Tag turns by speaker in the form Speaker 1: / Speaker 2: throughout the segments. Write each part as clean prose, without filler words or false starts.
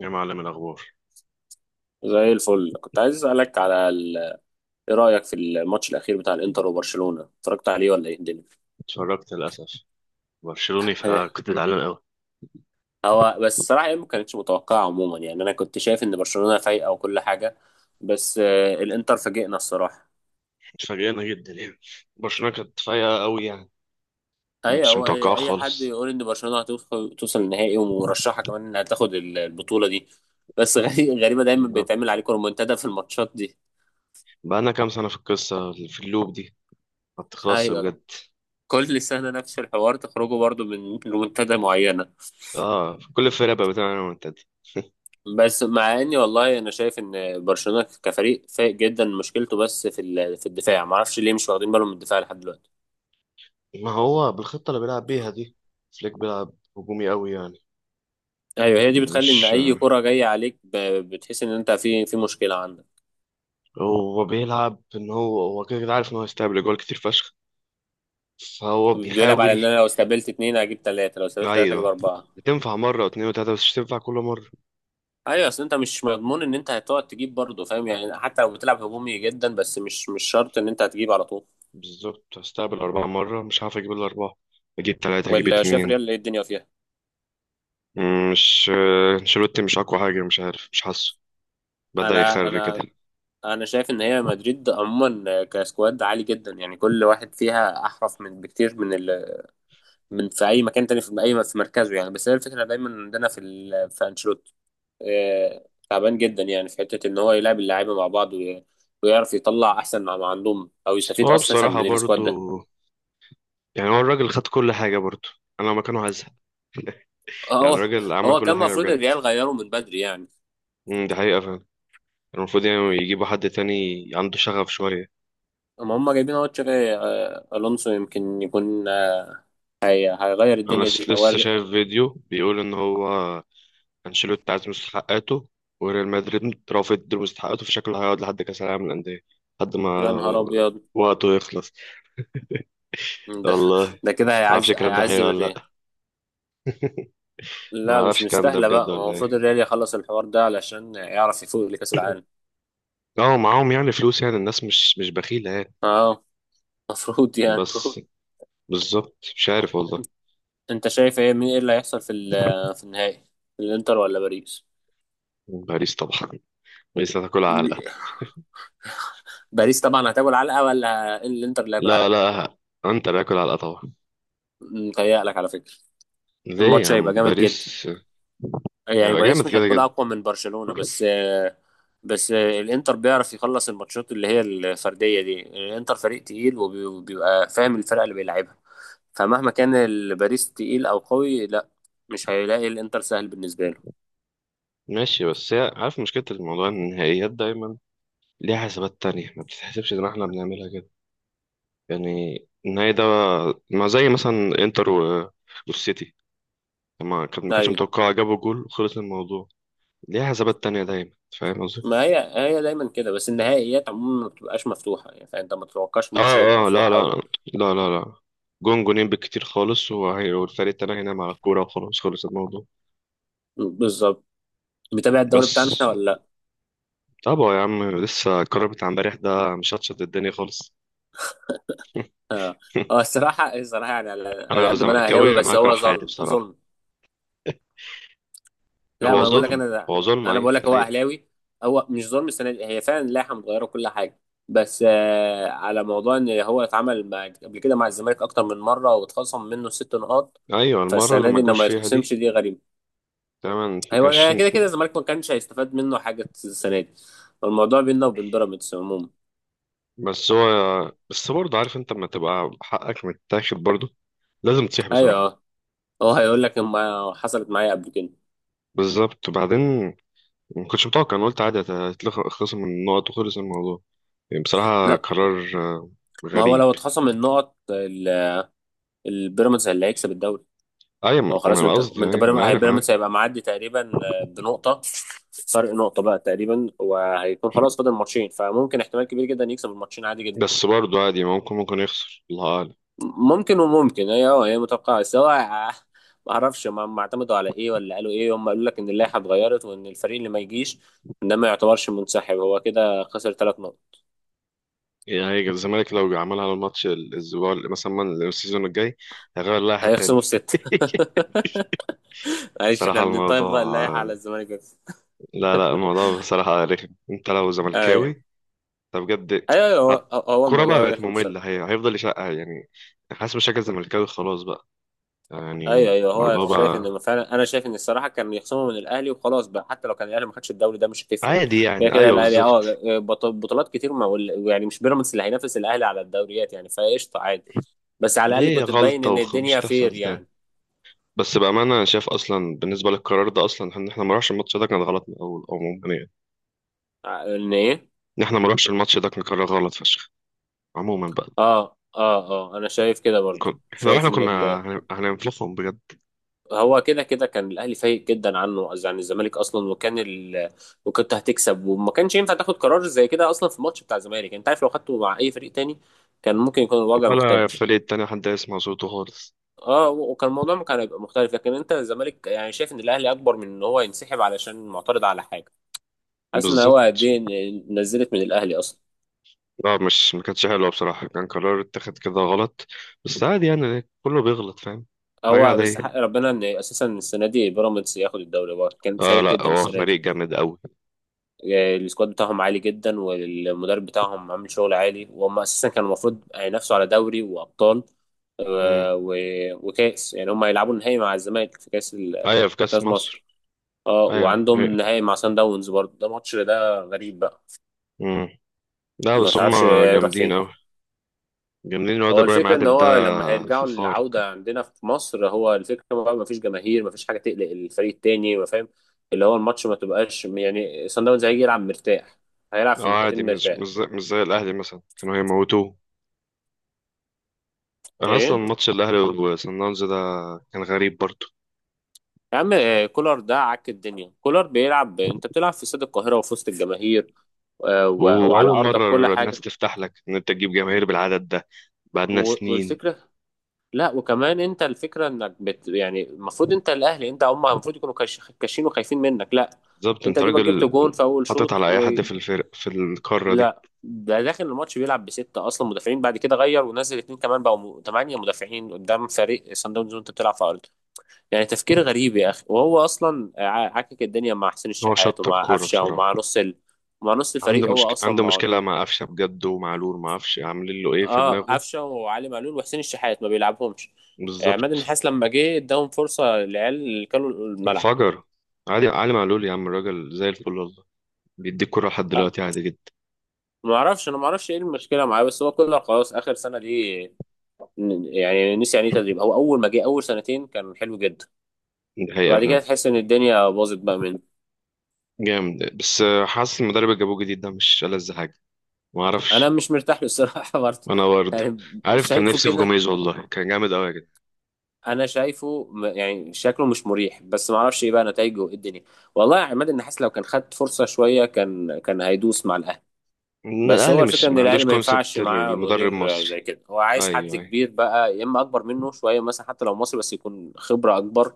Speaker 1: يا معلم الأخبار.
Speaker 2: زي الفل، كنت عايز اسالك على ايه رايك في الماتش الاخير بتاع الانتر وبرشلونه؟ اتفرجت عليه ولا ايه الدنيا؟
Speaker 1: اتفرجت للأسف، برشلوني فكنت زعلان أوي.
Speaker 2: هو بس الصراحه يعني ما كانتش متوقعه عموما، يعني انا كنت شايف ان برشلونه فايقه وكل حاجه، بس الانتر فاجئنا الصراحه.
Speaker 1: اتفاجئنا جدا يعني، برشلونة كانت فايقة أوي يعني.
Speaker 2: اي
Speaker 1: مش
Speaker 2: هو
Speaker 1: متوقعة
Speaker 2: اي أي حد
Speaker 1: خالص.
Speaker 2: يقول ان برشلونه هتوصل النهائي ومرشحه كمان انها تاخد البطوله دي. بس غريبه دايما
Speaker 1: بالظبط،
Speaker 2: بيتعمل عليكم رومنتادا في الماتشات دي.
Speaker 1: بقالنا كام سنة في القصة في اللوب دي، ما بتخلصش
Speaker 2: ايوه،
Speaker 1: بجد.
Speaker 2: كل سنه نفس الحوار، تخرجوا برضو من رومنتادا معينه.
Speaker 1: اه، كل الفرق بقى بتلعب منتدى.
Speaker 2: بس مع اني والله انا شايف ان برشلونه كفريق فايق جدا، مشكلته بس في الدفاع. ما اعرفش ليه مش واخدين بالهم من الدفاع لحد دلوقتي.
Speaker 1: ما هو بالخطة اللي بيلعب بيها دي، فليك بيلعب هجومي أوي يعني.
Speaker 2: ايوه، هي دي بتخلي ان
Speaker 1: مش
Speaker 2: اي كره جايه عليك بتحس ان انت في مشكله عندك.
Speaker 1: هو بيلعب إن هو كده كده عارف إن هو هيستقبل جوال كتير فشخ، فهو
Speaker 2: بيلعب على
Speaker 1: بيحاول.
Speaker 2: ان انا لو استقبلت اتنين هجيب تلاته، لو استقبلت تلاته هجيب
Speaker 1: أيوه،
Speaker 2: اربعه.
Speaker 1: بتنفع مرة واتنين وتلاتة بس مش تنفع كل مرة.
Speaker 2: ايوه، اصل انت مش مضمون ان انت هتقعد تجيب برضه، فاهم؟ يعني حتى لو بتلعب هجومي جدا، بس مش شرط ان انت هتجيب على طول.
Speaker 1: بالظبط، هستقبل أربعة مرة مش هعرف أجيب الأربعة، أجيب تلاتة أجيب
Speaker 2: ولا شايف
Speaker 1: اتنين.
Speaker 2: ريال ايه الدنيا فيها؟
Speaker 1: مش أنشيلوتي مش أقوى حاجة، مش عارف، مش حاسه. بدأ
Speaker 2: انا
Speaker 1: يخري كده.
Speaker 2: انا انا شايف ان هي مدريد عموما كسكواد عالي جدا، يعني كل واحد فيها احرف من بكتير من من في اي مكان تاني، في اي في مركزه يعني. بس هي الفكره دايما عندنا في انشيلوتي. تعبان جدا، يعني في حته ان هو يلعب اللعيبه مع بعض ويعرف يطلع احسن ما عندهم او
Speaker 1: بس
Speaker 2: يستفيد
Speaker 1: هو
Speaker 2: اساسا
Speaker 1: بصراحة
Speaker 2: من
Speaker 1: برضو،
Speaker 2: السكواد ده.
Speaker 1: يعني هو الراجل خد كل حاجة برضو. أنا لو مكانه هزهق. يعني
Speaker 2: هو
Speaker 1: الراجل عمل
Speaker 2: هو
Speaker 1: كل
Speaker 2: كان
Speaker 1: حاجة
Speaker 2: المفروض
Speaker 1: بجد.
Speaker 2: الريال غيره من بدري يعني.
Speaker 1: دي حقيقة فعلا. المفروض يعني يجيبوا حد تاني عنده شغف شوية.
Speaker 2: اما هم جايبين اهو تشابي الونسو، يمكن يكون هيغير
Speaker 1: أنا
Speaker 2: الدنيا دي هو.
Speaker 1: لسه شايف فيديو بيقول إن هو انشيلوتي عايز مستحقاته، وريال مدريد رافض مستحقاته، فشكله هيقعد لحد كاس العالم للانديه، لحد ما
Speaker 2: يا نهار ابيض.
Speaker 1: وقته يخلص.
Speaker 2: ده
Speaker 1: والله ما
Speaker 2: ده كده
Speaker 1: اعرفش
Speaker 2: هيعز
Speaker 1: الكلام ده حقيقي
Speaker 2: هيعذب
Speaker 1: ولا
Speaker 2: الريال.
Speaker 1: لا. ما
Speaker 2: لا، مش
Speaker 1: اعرفش الكلام ده
Speaker 2: مستاهله بقى.
Speaker 1: بجد
Speaker 2: هو
Speaker 1: ولا ايه.
Speaker 2: المفروض الريال يخلص الحوار ده علشان يعرف يفوق لكاس العالم.
Speaker 1: اه معاهم يعني فلوس، يعني الناس مش بخيله يعني.
Speaker 2: اه، المفروض يعني.
Speaker 1: بس بالظبط، مش عارف والله.
Speaker 2: انت شايف ايه، مين ايه اللي هيحصل في النهائي؟ الانتر ولا باريس؟
Speaker 1: باريس طبعا، باريس هتاكل علقه.
Speaker 2: باريس طبعا هتاكل علقه، ولا الانتر اللي هياكل
Speaker 1: لا
Speaker 2: علقه؟
Speaker 1: لا، انت باكل علقه طبعا.
Speaker 2: متهيألك على فكره،
Speaker 1: ليه يا
Speaker 2: الماتش هيبقى
Speaker 1: عم؟
Speaker 2: جامد جدا.
Speaker 1: باريس
Speaker 2: يعني
Speaker 1: هيبقى جامد
Speaker 2: باريس مش
Speaker 1: كده
Speaker 2: هتكون
Speaker 1: كده.
Speaker 2: اقوى من برشلونه بس. بس الانتر بيعرف يخلص الماتشات اللي هي الفرديه دي. الانتر فريق تقيل وبي- وبيبقى فاهم الفرق اللي بيلعبها، فمهما كان الباريس تقيل او قوي، لا، مش هيلاقي الانتر سهل بالنسبه له.
Speaker 1: ماشي، بس هي عارف مشكله الموضوع إن النهائيات دايما ليها حسابات تانية، ما بتتحسبش زي ما احنا بنعملها كده يعني. النهائي ده ما زي مثلا انتر والسيتي لما كانت ما كانتش
Speaker 2: ايوه،
Speaker 1: متوقعة، جابوا جول وخلص الموضوع. ليها حسابات تانية دايما. فاهم قصدي؟
Speaker 2: ما هي دايما كده، بس النهائيات عموما ما بتبقاش مفتوحه، يعني فانت ما تتوقعش
Speaker 1: اه
Speaker 2: الماتش هيبقى
Speaker 1: اه،
Speaker 2: مفتوح
Speaker 1: لا لا،
Speaker 2: قوي.
Speaker 1: لا لا لا. جون جونين بالكتير خالص، والفريق التاني هينام على الكورة وخلاص، خلص الموضوع.
Speaker 2: بالظبط. متابع الدوري
Speaker 1: بس
Speaker 2: بتاعنا احنا ولا لا؟
Speaker 1: طبعا يا عم، لسه القرار بتاع امبارح ده مشطشط الدنيا خالص.
Speaker 2: اه الصراحه الصراحه، يعني على
Speaker 1: انا
Speaker 2: على
Speaker 1: لو
Speaker 2: قد ما انا اهلاوي،
Speaker 1: زملكاوي انا
Speaker 2: بس
Speaker 1: هكره
Speaker 2: هو
Speaker 1: حياتي
Speaker 2: ظلم
Speaker 1: بصراحة.
Speaker 2: ظلم. لا
Speaker 1: هو
Speaker 2: ما بقول لك
Speaker 1: ظلم،
Speaker 2: انا،
Speaker 1: هو ظلم،
Speaker 2: انا
Speaker 1: ايوه
Speaker 2: بقول لك
Speaker 1: ده
Speaker 2: هو
Speaker 1: حقيقة.
Speaker 2: اهلاوي. هو مش ظلم، السنه دي هي فعلا اللائحه متغيره وكل حاجه، بس على موضوع ان هو اتعمل مع- قبل كده مع الزمالك اكتر من مره واتخصم منه 6 نقاط.
Speaker 1: ايوه، المرة اللي
Speaker 2: فالسنه دي
Speaker 1: ما
Speaker 2: ان
Speaker 1: جوش
Speaker 2: ما
Speaker 1: فيها دي.
Speaker 2: يتخصمش دي غريبه.
Speaker 1: تمام،
Speaker 2: ايوه، هي
Speaker 1: عشرين.
Speaker 2: كده كده الزمالك ما كانش هيستفاد منه حاجه السنه دي، الموضوع بيننا وبين بيراميدز عموما.
Speaker 1: بس هو، بس برضه عارف انت لما تبقى حقك متاخد برضه لازم تصيح
Speaker 2: ايوه
Speaker 1: بصراحة.
Speaker 2: هو هيقول لك ما حصلت معايا قبل كده.
Speaker 1: بالظبط. بعدين، ما كنتش متوقع، انا قلت عادي هتخلص من النقط وخلص الموضوع. يعني بصراحة
Speaker 2: لا،
Speaker 1: قرار
Speaker 2: ما هو
Speaker 1: غريب.
Speaker 2: لو اتخصم النقط البيراميدز اللي هيكسب الدوري. هو
Speaker 1: ايوه
Speaker 2: خلاص، ما
Speaker 1: انا
Speaker 2: انت
Speaker 1: قصدي
Speaker 2: ما انت
Speaker 1: يعني، ما
Speaker 2: بيراميدز
Speaker 1: عارف انا.
Speaker 2: هيبقى معدي تقريبا بنقطه. فرق نقطه بقى تقريبا، وهيكون خلاص فاضل ماتشين، فممكن احتمال كبير جدا يكسب الماتشين عادي جدا.
Speaker 1: بس برضه عادي، ممكن يخسر، الله اعلم.
Speaker 2: ممكن وممكن، هي متوقعه، بس هو ما اعرفش ما اعتمدوا على ايه ولا قالوا ايه. هم قالوا لك ان اللائحه اتغيرت وان الفريق اللي ما يجيش ده ما يعتبرش منسحب، هو كده خسر 3 نقط.
Speaker 1: يعني هيجي الزمالك لو عملها على الماتش مثلا السيزون الجاي، هيغير اللائحة تاني.
Speaker 2: هيخصموا الست. معلش، احنا
Speaker 1: صراحة
Speaker 2: بنطيب
Speaker 1: الموضوع،
Speaker 2: بقى اللائحه على الزمالك بس.
Speaker 1: لا لا، الموضوع بصراحة رخم انت لو
Speaker 2: ايوه،
Speaker 1: زملكاوي، ده بجد.
Speaker 2: ايوه، أيوة،
Speaker 1: ه-
Speaker 2: هو
Speaker 1: الكورة بقى
Speaker 2: الموضوع
Speaker 1: بقت
Speaker 2: رخم
Speaker 1: مملة،
Speaker 2: الصراحة.
Speaker 1: هي هيفضل يشقها يعني. حاسس بشكل زملكاوي خلاص بقى،
Speaker 2: ايوه،
Speaker 1: يعني
Speaker 2: ايوه، هو
Speaker 1: الموضوع
Speaker 2: شايف
Speaker 1: بقى
Speaker 2: ان فعلا، انا شايف ان الصراحه كان يخصموا من الاهلي وخلاص بقى، حتى لو كان الاهلي ما خدش الدوري ده مش هتفرق.
Speaker 1: عادي
Speaker 2: كده
Speaker 1: يعني.
Speaker 2: كده
Speaker 1: ايوه
Speaker 2: الاهلي، اه،
Speaker 1: بالظبط،
Speaker 2: بطولات كتير ما يعني مش بيراميدز اللي هينافس الاهلي على الدوريات يعني، فقشطه عادي. بس على الاقل
Speaker 1: دي
Speaker 2: كنت تبين
Speaker 1: غلطة
Speaker 2: ان
Speaker 1: ومش
Speaker 2: الدنيا فير
Speaker 1: تحصل تاني.
Speaker 2: يعني.
Speaker 1: بس بأمانة أنا شايف أصلا بالنسبة للقرار ده أصلا، إن إحنا ما نروحش الماتش ده كان غلط من الأول عموما يعني.
Speaker 2: ان ايه؟
Speaker 1: إن إحنا ما نروحش الماتش ده كان قرار غلط فشخ عموما بقى.
Speaker 2: اه، اه، اه، انا شايف كده برضو.
Speaker 1: إحنا،
Speaker 2: شايف
Speaker 1: وإحنا
Speaker 2: ان
Speaker 1: كنا هننفخهم بجد.
Speaker 2: هو كده كده كان الاهلي فايق جدا عنه، قصدي عن الزمالك اصلا، وكان وكنت هتكسب، وما كانش ينفع تاخد قرار زي كده اصلا في الماتش بتاع الزمالك. يعني انت عارف لو خدته مع اي فريق تاني كان ممكن يكون الوضع
Speaker 1: ولا
Speaker 2: مختلف.
Speaker 1: الفريق التاني حد يسمع صوته خالص.
Speaker 2: اه، وكان الموضوع كان هيبقى مختلف، لكن انت الزمالك يعني شايف ان الاهلي اكبر من ان هو ينسحب علشان معترض على حاجه. حاسس ان هو قد
Speaker 1: بالظبط.
Speaker 2: ايه نزلت من الاهلي اصلا.
Speaker 1: لا، مش ما كانتش حلوه بصراحه، كان قرار اتخذ كده غلط، بس عادي يعني، كله بيغلط، فاهم؟ حاجه
Speaker 2: هو بس
Speaker 1: عاديه.
Speaker 2: حق ربنا ان اساسا السنه دي بيراميدز ياخد الدوري، هو كان
Speaker 1: اه،
Speaker 2: فايق
Speaker 1: لا
Speaker 2: جدا
Speaker 1: هو
Speaker 2: السنه دي.
Speaker 1: فريق جامد قوي.
Speaker 2: السكواد بتاعهم عالي جدا، والمدرب بتاعهم عامل شغل عالي، وهم اساسا كانوا المفروض هينافسوا على دوري وابطال
Speaker 1: امم،
Speaker 2: وكاس. يعني هم هيلعبوا النهائي مع الزمالك في كاس
Speaker 1: ايوه في كاس
Speaker 2: مصر.
Speaker 1: مصر.
Speaker 2: اه،
Speaker 1: ايوه
Speaker 2: وعندهم
Speaker 1: هي،
Speaker 2: النهائي مع سان داونز برضه، ده ماتش ده غريب بقى.
Speaker 1: امم، لا
Speaker 2: ما
Speaker 1: بس هم
Speaker 2: تعرفش هيروح
Speaker 1: جامدين
Speaker 2: فين.
Speaker 1: قوي. جامدين، الواد
Speaker 2: هو
Speaker 1: ابراهيم
Speaker 2: الفكرة إن
Speaker 1: عادل ده
Speaker 2: هو لما هيرجعوا
Speaker 1: خارق.
Speaker 2: للعودة عندنا في مصر، هو الفكرة بقى مفيش جماهير، مفيش حاجة تقلق الفريق التاني، ما فاهم؟ اللي هو الماتش ما تبقاش، يعني صن داونز هيجي يلعب مرتاح، هيلعب في
Speaker 1: اه عادي،
Speaker 2: الناحيتين
Speaker 1: مش
Speaker 2: مرتاح.
Speaker 1: مش زي, مش زي الاهلي مثلا، كانوا هيموتوه. انا اصلا
Speaker 2: إيه
Speaker 1: ماتش الاهلي وسان داونز ده كان غريب برضه.
Speaker 2: يا عم، كولر ده عك الدنيا. كولر بيلعب، انت بتلعب في استاد القاهرة وفي وسط الجماهير وعلى
Speaker 1: واول
Speaker 2: ارضك كل
Speaker 1: مره الناس
Speaker 2: حاجة.
Speaker 1: تفتح لك ان انت تجيب جماهير بالعدد ده، بعدنا
Speaker 2: و-
Speaker 1: سنين.
Speaker 2: والفكرة، لا، وكمان انت الفكرة انك بت، يعني المفروض انت الاهلي، انت هم المفروض يكونوا كاشين وخايفين منك. لا،
Speaker 1: بالظبط،
Speaker 2: انت
Speaker 1: انت
Speaker 2: دوبك جبت
Speaker 1: راجل
Speaker 2: جون في اول
Speaker 1: حاطط
Speaker 2: شوط،
Speaker 1: على اي حد في الفرق في القاره دي.
Speaker 2: ولا ده داخل الماتش بيلعب بستة اصلا مدافعين، بعد كده غير ونزل اتنين كمان بقوا 8 مدافعين قدام فريق صن داونز، وانت بتلعب في ارضك. يعني تفكير غريب يا اخي. وهو اصلا عكك الدنيا مع حسين
Speaker 1: هو
Speaker 2: الشحات
Speaker 1: شطب
Speaker 2: ومع
Speaker 1: كوره
Speaker 2: قفشه
Speaker 1: بصراحه.
Speaker 2: ومع نص ومع نص
Speaker 1: عنده
Speaker 2: الفريق هو
Speaker 1: مشك...
Speaker 2: اصلا
Speaker 1: عنده
Speaker 2: معاه.
Speaker 1: مشكله مع قفشه بجد ومعلول، ما اعرفش عاملين له ايه في
Speaker 2: اه،
Speaker 1: دماغه.
Speaker 2: قفشه وعلي معلول وحسين الشحات ما بيلعبهمش. عماد
Speaker 1: بالظبط.
Speaker 2: النحاس لما جه اداهم فرصه، العيال اللي كانوا الملعب.
Speaker 1: انفجر. عادي، علي معلول يا عم الراجل زي الفل والله، بيديك كوره لحد
Speaker 2: آه
Speaker 1: دلوقتي عادي جدا.
Speaker 2: ما اعرفش، انا ما اعرفش ايه المشكله معاه، بس هو كله خلاص اخر سنه دي. يعني نسي يعني ايه تدريب. هو اول ما جه اول سنتين كان حلو جدا،
Speaker 1: دي حقيقه
Speaker 2: وبعد كده
Speaker 1: فعلا.
Speaker 2: تحس ان الدنيا باظت بقى منه.
Speaker 1: جامد، بس حاسس المدرب اللي جابوه جديد ده مش ألذ حاجه، ما
Speaker 2: انا
Speaker 1: اعرفش.
Speaker 2: مش مرتاح له الصراحه برضه،
Speaker 1: انا برضه.
Speaker 2: يعني.
Speaker 1: عارف كان
Speaker 2: شايفه
Speaker 1: نفسي في
Speaker 2: كده؟
Speaker 1: جوميز والله، كان جامد قوي يا جدع.
Speaker 2: انا شايفه يعني شكله مش مريح، بس ما اعرفش ايه بقى نتائجه وايه الدنيا. والله يا عماد النحاس لو كان خد فرصه شويه كان هيدوس مع الاهلي.
Speaker 1: إن
Speaker 2: بس
Speaker 1: الاهلي
Speaker 2: هو
Speaker 1: مش
Speaker 2: الفكره ان
Speaker 1: ما عندوش
Speaker 2: الاهلي ما ينفعش
Speaker 1: كونسبت
Speaker 2: معاه
Speaker 1: المدرب
Speaker 2: مدير
Speaker 1: مصري.
Speaker 2: زي كده، هو عايز حد
Speaker 1: ايوه ايوه.
Speaker 2: كبير بقى، يا اما اكبر منه شويه مثلا، حتى لو مصري بس يكون خبره اكبر.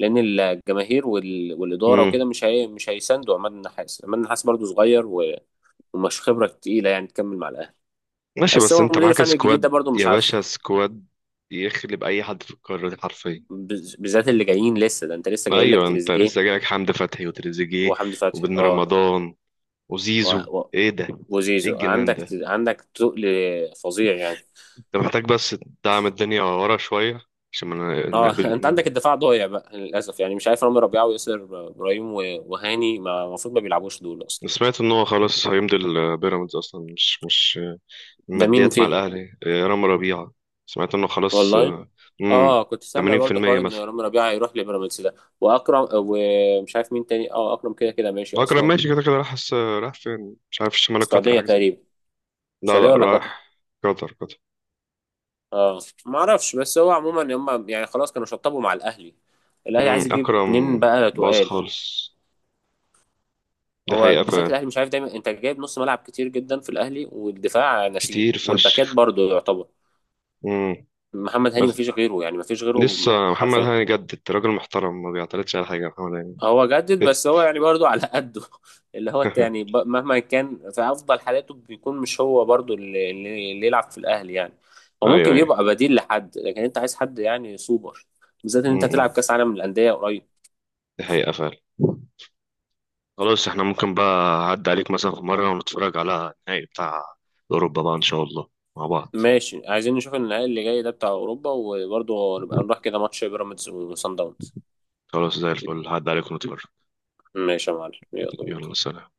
Speaker 2: لان الجماهير والاداره وكده
Speaker 1: مم.
Speaker 2: مش هيساندوا عماد النحاس. عماد النحاس برضه صغير ومش خبره تقيله يعني تكمل مع الاهلي.
Speaker 1: ماشي،
Speaker 2: بس
Speaker 1: بس
Speaker 2: هو
Speaker 1: انت
Speaker 2: المدير
Speaker 1: معاك
Speaker 2: الفني الجديد ده
Speaker 1: سكواد
Speaker 2: برضه مش
Speaker 1: يا
Speaker 2: عارف،
Speaker 1: باشا، سكواد يخلب اي حد في القاره دي حرفيا.
Speaker 2: بالذات اللي جايين لسه ده، انت لسه جاي لك
Speaker 1: ايوه، انت
Speaker 2: تريزيجيه
Speaker 1: لسه جايلك حمدي فتحي وتريزيجيه
Speaker 2: وحمدي فتحي،
Speaker 1: وبن
Speaker 2: اه،
Speaker 1: رمضان
Speaker 2: و...
Speaker 1: وزيزو،
Speaker 2: و...
Speaker 1: ايه ده؟ ايه
Speaker 2: وزيزو
Speaker 1: الجنان
Speaker 2: عندك،
Speaker 1: ده؟
Speaker 2: عندك تقل فظيع يعني.
Speaker 1: انت محتاج بس تدعم الدنيا ورا شويه عشان ما
Speaker 2: اه انت
Speaker 1: نقبل.
Speaker 2: عندك الدفاع ضايع بقى للاسف، يعني مش عارف رامي ربيعه وياسر ابراهيم وهاني. ما المفروض ما بيلعبوش دول اصلا.
Speaker 1: انا سمعت ان هو خلاص هيمضي البيراميدز اصلا، مش
Speaker 2: ده مين
Speaker 1: ماديات مع
Speaker 2: فيهم؟
Speaker 1: الاهلي. اه، رامي ربيعه، سمعت انه خلاص.
Speaker 2: والله،
Speaker 1: اه، امم،
Speaker 2: اه، كنت سامع برضو
Speaker 1: 80%
Speaker 2: حوار ان
Speaker 1: مثلا.
Speaker 2: رامي ربيعه هيروح لبيراميدز ده، واكرم، ومش عارف مين تاني. اه، اكرم كده كده ماشي
Speaker 1: اكرم
Speaker 2: اصلا.
Speaker 1: ماشي كده كده، راح حس راح فين، مش عارف، الشمال القطري
Speaker 2: السعوديه
Speaker 1: حاجه زي كده.
Speaker 2: تقريبا.
Speaker 1: لا لا،
Speaker 2: السعوديه ولا قطر؟
Speaker 1: راح قطر قطر.
Speaker 2: اه، ما اعرفش، بس هو عموما هم يعني خلاص كانوا شطبوا مع الاهلي. الاهلي
Speaker 1: امم،
Speaker 2: عايز يجيب
Speaker 1: أكرم
Speaker 2: اتنين بقى
Speaker 1: باظ
Speaker 2: تقال.
Speaker 1: خالص، دي
Speaker 2: هو
Speaker 1: حقيقة
Speaker 2: بالذات
Speaker 1: فعلا.
Speaker 2: الاهلي مش عارف دايما، انت جايب نص ملعب كتير جدا في الاهلي، والدفاع ناسيه،
Speaker 1: كتير
Speaker 2: والباكات
Speaker 1: فشخ.
Speaker 2: برضه يعتبر
Speaker 1: امم.
Speaker 2: محمد هاني
Speaker 1: بس
Speaker 2: مفيش غيره، يعني مفيش غيره
Speaker 1: لسه محمد
Speaker 2: حرفيا.
Speaker 1: هاني جدد، راجل محترم ما بيعترضش على حاجة محمد هاني.
Speaker 2: هو جدد، بس هو يعني برضه على قده اللي هو أنت، يعني ب- مهما كان في افضل حالاته بيكون مش هو برضه اللي يلعب في الاهلي يعني. هو
Speaker 1: أيوه
Speaker 2: ممكن
Speaker 1: أيوه.
Speaker 2: يبقى بديل لحد، لكن انت عايز حد يعني سوبر، بالذات ان انت تلعب
Speaker 1: امم.
Speaker 2: كاس عالم للانديه قريب.
Speaker 1: دي حقيقة فعلا. خلاص احنا ممكن بقى أعدي عليك مثلا في مرة ونتفرج على النهائي بتاع أوروبا بقى إن شاء الله مع بعض.
Speaker 2: ماشي، عايزين نشوف النهائي اللي جاي ده بتاع اوروبا، وبرضه نبقى نروح كده ماتش بيراميدز وصن داونز.
Speaker 1: خلاص زي الفل، هعدي عليك ونتفرج.
Speaker 2: ماشي يا معلم، يلا بينا.
Speaker 1: يلا سلام.